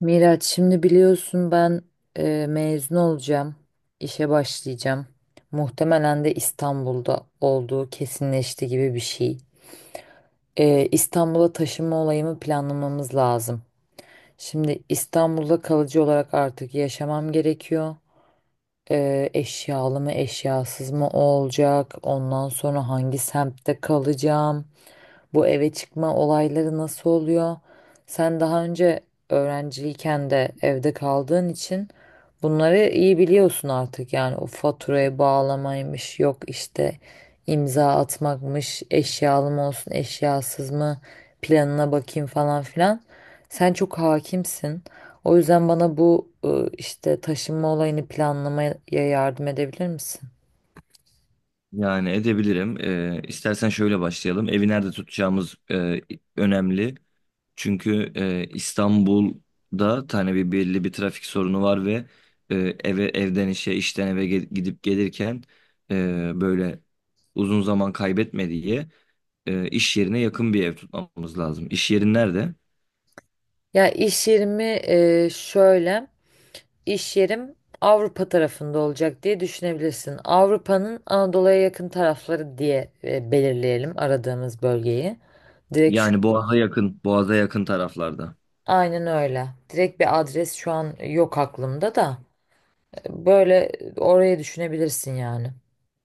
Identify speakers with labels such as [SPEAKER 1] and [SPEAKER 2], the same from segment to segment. [SPEAKER 1] Miraç, şimdi biliyorsun ben mezun olacağım, işe başlayacağım. Muhtemelen de İstanbul'da olduğu kesinleşti gibi bir şey. İstanbul'a taşınma olayımı planlamamız lazım. Şimdi İstanbul'da kalıcı olarak artık yaşamam gerekiyor. Eşyalı mı eşyasız mı olacak? Ondan sonra hangi semtte kalacağım? Bu eve çıkma olayları nasıl oluyor? Sen daha önce öğrenciyken de evde kaldığın için bunları iyi biliyorsun artık. Yani o faturaya bağlamaymış, yok işte imza atmakmış, eşyalı mı olsun, eşyasız mı, planına bakayım falan filan. Sen çok hakimsin. O yüzden bana bu işte taşınma olayını planlamaya yardım edebilir misin?
[SPEAKER 2] Yani edebilirim. İstersen şöyle başlayalım. Evi nerede tutacağımız önemli. Çünkü İstanbul'da tane bir belli bir trafik sorunu var ve e, eve evden işe işten eve gidip gelirken böyle uzun zaman kaybetme diye iş yerine yakın bir ev tutmamız lazım. İş yerin nerede?
[SPEAKER 1] Ya iş yerimi şöyle. İş yerim Avrupa tarafında olacak diye düşünebilirsin. Avrupa'nın Anadolu'ya yakın tarafları diye belirleyelim aradığımız bölgeyi. Direkt şu,
[SPEAKER 2] Yani Boğaz'a yakın, Boğaz'a yakın taraflarda.
[SPEAKER 1] aynen öyle. Direkt bir adres şu an yok aklımda da böyle orayı düşünebilirsin, yani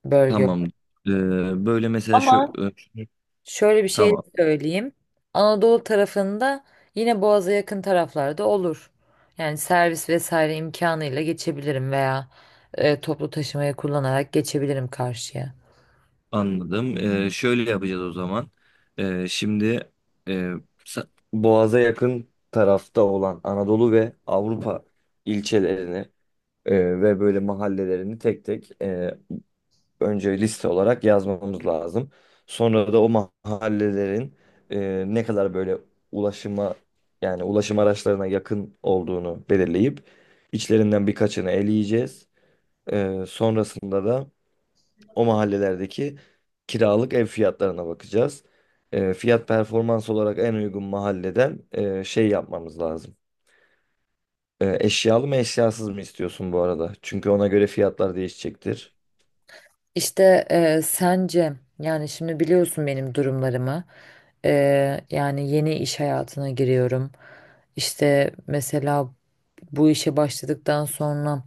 [SPEAKER 1] bölge.
[SPEAKER 2] Tamam. Böyle mesela
[SPEAKER 1] Ama şöyle bir şey
[SPEAKER 2] tamam.
[SPEAKER 1] söyleyeyim. Anadolu tarafında yine Boğaz'a yakın taraflarda olur. Yani servis vesaire imkanıyla geçebilirim veya toplu taşımayı kullanarak geçebilirim karşıya.
[SPEAKER 2] Anladım. Şöyle yapacağız o zaman. Şimdi e, Boğaz'a yakın tarafta olan Anadolu ve Avrupa ilçelerini ve böyle mahallelerini tek tek, önce liste olarak yazmamız lazım. Sonra da o mahallelerin ne kadar böyle ulaşıma, yani ulaşım araçlarına yakın olduğunu belirleyip içlerinden birkaçını eleyeceğiz. Sonrasında da o mahallelerdeki kiralık ev fiyatlarına bakacağız. Fiyat performans olarak en uygun mahalleden şey yapmamız lazım. Eşyalı mı eşyasız mı istiyorsun bu arada? Çünkü ona göre fiyatlar değişecektir.
[SPEAKER 1] İşte sence, yani şimdi biliyorsun benim durumlarımı. E, Yani yeni iş hayatına giriyorum. İşte mesela bu işe başladıktan sonra,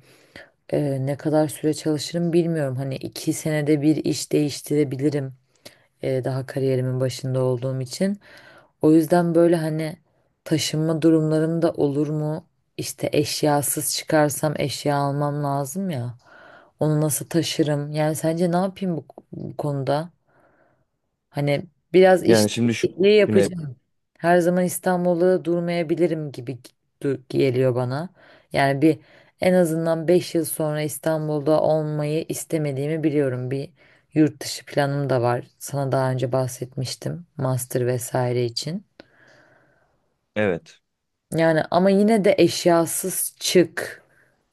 [SPEAKER 1] ne kadar süre çalışırım bilmiyorum, hani iki senede bir iş değiştirebilirim, daha kariyerimin başında olduğum için. O yüzden böyle, hani, taşınma durumlarım da olur mu? İşte eşyasız çıkarsam eşya almam lazım ya. Onu nasıl taşırım? Yani sence ne yapayım bu konuda? Hani biraz iş
[SPEAKER 2] Yani şimdi şu
[SPEAKER 1] değişikliği
[SPEAKER 2] güne
[SPEAKER 1] yapacağım. Her zaman İstanbul'da durmayabilirim gibi geliyor bana. Yani en azından 5 yıl sonra İstanbul'da olmayı istemediğimi biliyorum. Bir yurt dışı planım da var. Sana daha önce bahsetmiştim. Master vesaire için.
[SPEAKER 2] evet.
[SPEAKER 1] Yani ama yine de eşyasız çık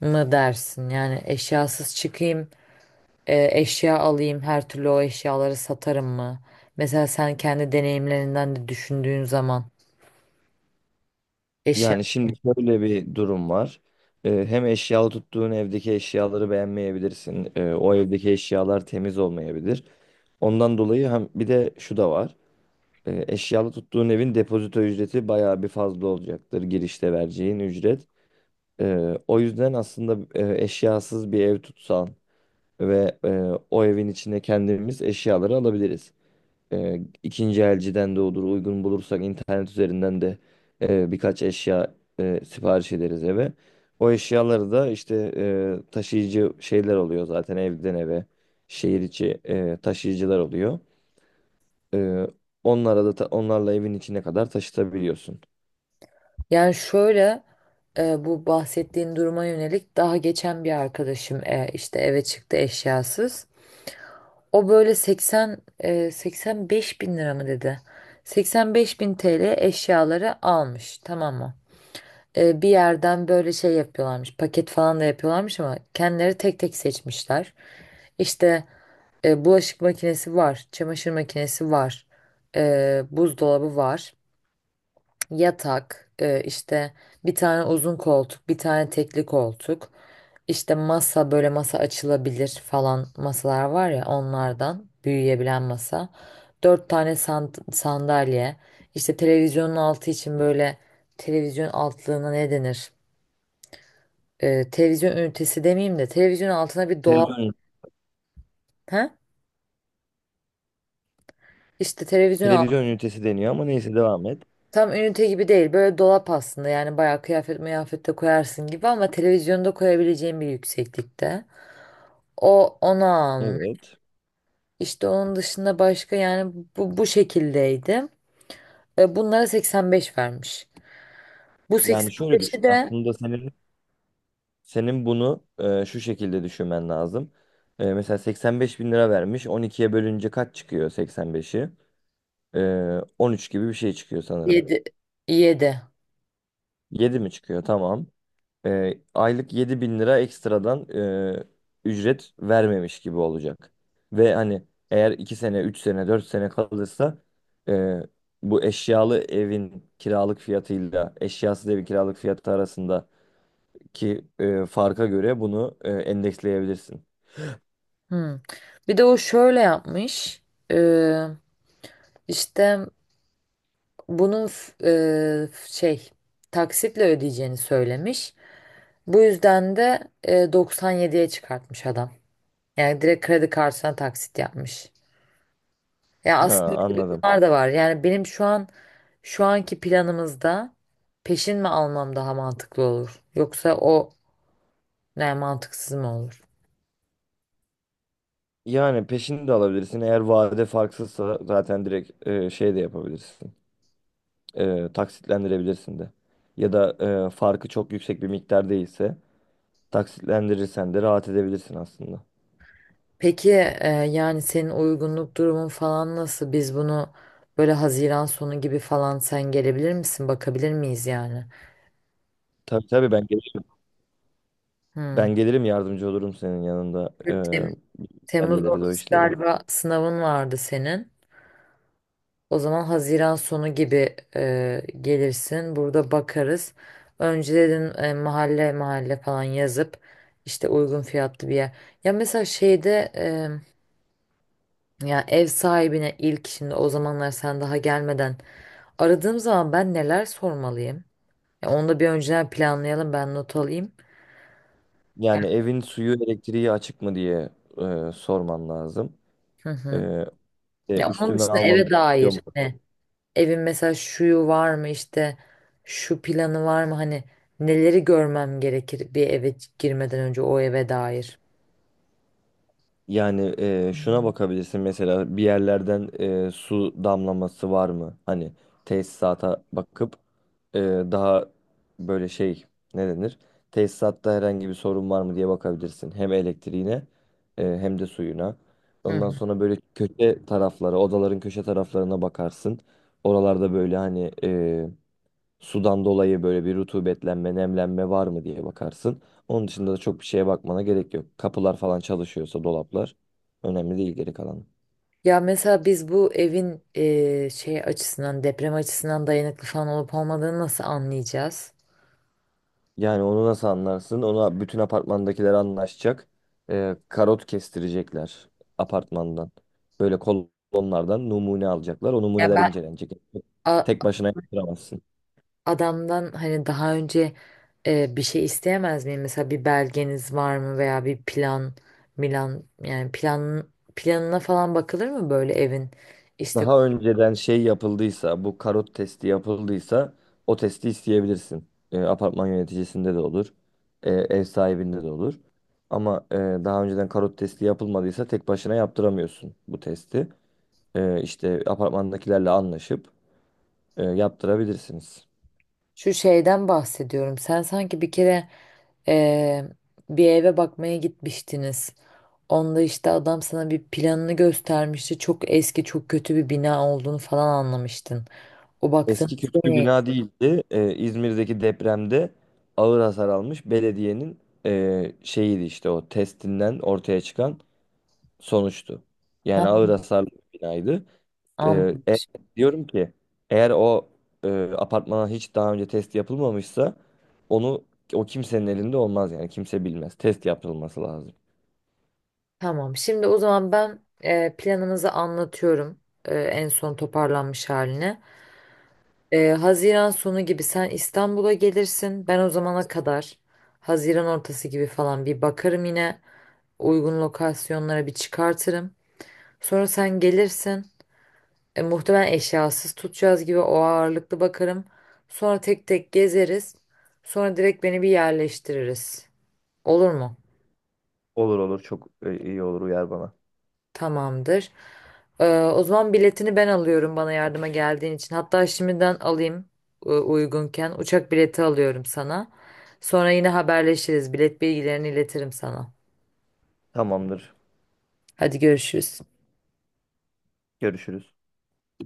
[SPEAKER 1] mı dersin? Yani eşyasız çıkayım, eşya alayım, her türlü o eşyaları satarım mı? Mesela sen kendi deneyimlerinden de düşündüğün zaman eşya.
[SPEAKER 2] Yani şimdi şöyle bir durum var. Hem eşyalı tuttuğun evdeki eşyaları beğenmeyebilirsin. O evdeki eşyalar temiz olmayabilir. Ondan dolayı hem bir de şu da var. Eşyalı tuttuğun evin depozito ücreti bayağı bir fazla olacaktır, girişte vereceğin ücret. O yüzden aslında eşyasız bir ev tutsan ve o evin içine kendimiz eşyaları alabiliriz. İkinci elciden de olur uygun bulursak, internet üzerinden de birkaç eşya sipariş ederiz eve. O eşyaları da işte taşıyıcı şeyler oluyor zaten, evden eve şehir içi taşıyıcılar oluyor. Ee, onlara da onlarla evin içine kadar taşıtabiliyorsun.
[SPEAKER 1] Yani şöyle, bu bahsettiğin duruma yönelik daha geçen bir arkadaşım işte eve çıktı eşyasız. O böyle 80 85 bin lira mı dedi? 85 bin TL eşyaları almış, tamam mı? Bir yerden böyle şey yapıyorlarmış, paket falan da yapıyorlarmış ama kendileri tek tek seçmişler. İşte bulaşık makinesi var, çamaşır makinesi var, buzdolabı var. Yatak, işte bir tane uzun koltuk, bir tane tekli koltuk, işte masa, böyle masa açılabilir falan, masalar var ya, onlardan büyüyebilen masa. Dört tane sandalye, işte televizyonun altı için böyle, televizyon altlığına ne denir? Televizyon ünitesi demeyeyim de televizyon altına bir dolap.
[SPEAKER 2] Televizyon,
[SPEAKER 1] He? İşte televizyon alt
[SPEAKER 2] televizyon ünitesi deniyor, ama neyse, devam et.
[SPEAKER 1] tam ünite gibi değil, böyle dolap aslında, yani bayağı kıyafet mıyafet de koyarsın gibi ama televizyonda koyabileceğin bir yükseklikte. O onu almış.
[SPEAKER 2] Evet.
[SPEAKER 1] İşte onun dışında başka, yani bu şekildeydi. Bunlara 85 vermiş. Bu
[SPEAKER 2] Yani şöyle
[SPEAKER 1] 85'i
[SPEAKER 2] düşün.
[SPEAKER 1] de
[SPEAKER 2] Aslında senin senin bunu şu şekilde düşünmen lazım. Mesela 85 bin lira vermiş. 12'ye bölünce kaç çıkıyor 85'i? E, 13 gibi bir şey çıkıyor sanırım.
[SPEAKER 1] 7. 7.
[SPEAKER 2] 7 mi çıkıyor? Tamam. Aylık 7 bin lira ekstradan e, ücret vermemiş gibi olacak. Ve hani, eğer 2 sene, 3 sene, 4 sene kalırsa e, bu eşyalı evin kiralık fiyatıyla eşyasız evin kiralık fiyatı arasındaki farka göre bunu endeksleyebilirsin.
[SPEAKER 1] Hmm. Bir de o şöyle yapmış. E, işte bunun f- e, f- şey taksitle ödeyeceğini söylemiş. Bu yüzden de 97'ye çıkartmış adam. Yani direkt kredi kartına taksit yapmış. Ya
[SPEAKER 2] Ha,
[SPEAKER 1] aslında öyle
[SPEAKER 2] anladım.
[SPEAKER 1] durumlar da var. Yani benim şu anki planımızda peşin mi almam daha mantıklı olur? Yoksa o ne, mantıksız mı olur?
[SPEAKER 2] Yani peşini de alabilirsin. Eğer vade farksızsa zaten direkt şey de yapabilirsin. Taksitlendirebilirsin de. Ya da farkı çok yüksek bir miktar değilse taksitlendirirsen de rahat edebilirsin aslında.
[SPEAKER 1] Peki, yani senin uygunluk durumun falan nasıl? Biz bunu böyle Haziran sonu gibi falan, sen gelebilir misin? Bakabilir miyiz yani?
[SPEAKER 2] Tabii tabii, ben gelirim.
[SPEAKER 1] Hmm.
[SPEAKER 2] Ben gelirim, yardımcı olurum senin yanında.
[SPEAKER 1] Tem- Temmuz
[SPEAKER 2] Hallederiz o
[SPEAKER 1] ortası
[SPEAKER 2] işleri.
[SPEAKER 1] galiba sınavın vardı senin. O zaman Haziran sonu gibi gelirsin. Burada bakarız. Önceden mahalle mahalle falan yazıp, işte, uygun fiyatlı bir yer. Ya mesela şeyde, ya ev sahibine, ilk şimdi, o zamanlar sen daha gelmeden aradığım zaman ben neler sormalıyım? Ya onu da bir önceden planlayalım, ben not alayım.
[SPEAKER 2] Yani evin suyu elektriği açık mı diye sorman lazım.
[SPEAKER 1] Hı
[SPEAKER 2] Ee,
[SPEAKER 1] hı. Ya onun
[SPEAKER 2] üstüme
[SPEAKER 1] dışında
[SPEAKER 2] almam
[SPEAKER 1] eve
[SPEAKER 2] gerekiyor
[SPEAKER 1] dair
[SPEAKER 2] mu?
[SPEAKER 1] ne? Evin mesela şuyu var mı, işte şu planı var mı, hani neleri görmem gerekir bir eve girmeden önce o eve dair.
[SPEAKER 2] Yani şuna bakabilirsin mesela bir yerlerden, su damlaması var mı? Hani tesisata bakıp daha böyle şey ne denir? Tesisatta herhangi bir sorun var mı diye bakabilirsin. Hem elektriğine hem de suyuna.
[SPEAKER 1] Hı
[SPEAKER 2] Ondan
[SPEAKER 1] hı.
[SPEAKER 2] sonra böyle köşe taraflara, odaların köşe taraflarına bakarsın. Oralarda böyle, hani, sudan dolayı böyle bir rutubetlenme, nemlenme var mı diye bakarsın. Onun dışında da çok bir şeye bakmana gerek yok. Kapılar falan çalışıyorsa, dolaplar önemli değil geri kalanı.
[SPEAKER 1] Ya mesela biz bu evin açısından, deprem açısından dayanıklı falan olup olmadığını nasıl anlayacağız?
[SPEAKER 2] Yani onu nasıl anlarsın? Ona bütün apartmandakiler anlaşacak. Karot kestirecekler apartmandan. Böyle kolonlardan numune alacaklar. O
[SPEAKER 1] Ya
[SPEAKER 2] numuneler
[SPEAKER 1] ben,
[SPEAKER 2] incelenecek.
[SPEAKER 1] a-
[SPEAKER 2] Tek başına yaptıramazsın.
[SPEAKER 1] adamdan hani daha önce bir şey isteyemez miyim? Mesela bir belgeniz var mı veya bir plan, milan, yani planına falan bakılır mı böyle evin? İşte
[SPEAKER 2] Daha önceden şey yapıldıysa, bu karot testi yapıldıysa o testi isteyebilirsin. Apartman yöneticisinde de olur, ev sahibinde de olur. Ama daha önceden karot testi yapılmadıysa tek başına yaptıramıyorsun bu testi. İşte apartmandakilerle anlaşıp yaptırabilirsiniz.
[SPEAKER 1] şu şeyden bahsediyorum. Sen sanki bir kere eee, bir eve bakmaya gitmiştiniz. Onda işte adam sana bir planını göstermişti. Çok eski, çok kötü bir bina olduğunu falan anlamıştın. O baktığın
[SPEAKER 2] Eski
[SPEAKER 1] şey
[SPEAKER 2] kötü
[SPEAKER 1] ne?
[SPEAKER 2] bina değildi. İzmir'deki depremde ağır hasar almış belediyenin şeyiydi işte, o testinden ortaya çıkan sonuçtu.
[SPEAKER 1] Ha,
[SPEAKER 2] Yani ağır hasarlı bir binaydı. Ee, e-
[SPEAKER 1] anlamış.
[SPEAKER 2] diyorum ki, eğer o e, apartmana hiç daha önce test yapılmamışsa onu o kimsenin elinde olmaz, yani kimse bilmez. Test yapılması lazım.
[SPEAKER 1] Tamam. Şimdi o zaman ben, planımızı anlatıyorum. En son toparlanmış haline. Haziran sonu gibi sen İstanbul'a gelirsin. Ben o zamana kadar, Haziran ortası gibi falan, bir bakarım yine. Uygun lokasyonlara bir çıkartırım. Sonra sen gelirsin. Muhtemelen eşyasız tutacağız gibi, o ağırlıklı bakarım. Sonra tek tek gezeriz. Sonra direkt beni bir yerleştiririz. Olur mu?
[SPEAKER 2] Olur olur, çok iyi olur, uyar bana.
[SPEAKER 1] Tamamdır. O zaman biletini ben alıyorum, bana yardıma geldiğin için. Hatta şimdiden alayım, uygunken. Uçak bileti alıyorum sana. Sonra yine haberleşiriz. Bilet bilgilerini iletirim sana.
[SPEAKER 2] Tamamdır.
[SPEAKER 1] Hadi görüşürüz.
[SPEAKER 2] Görüşürüz.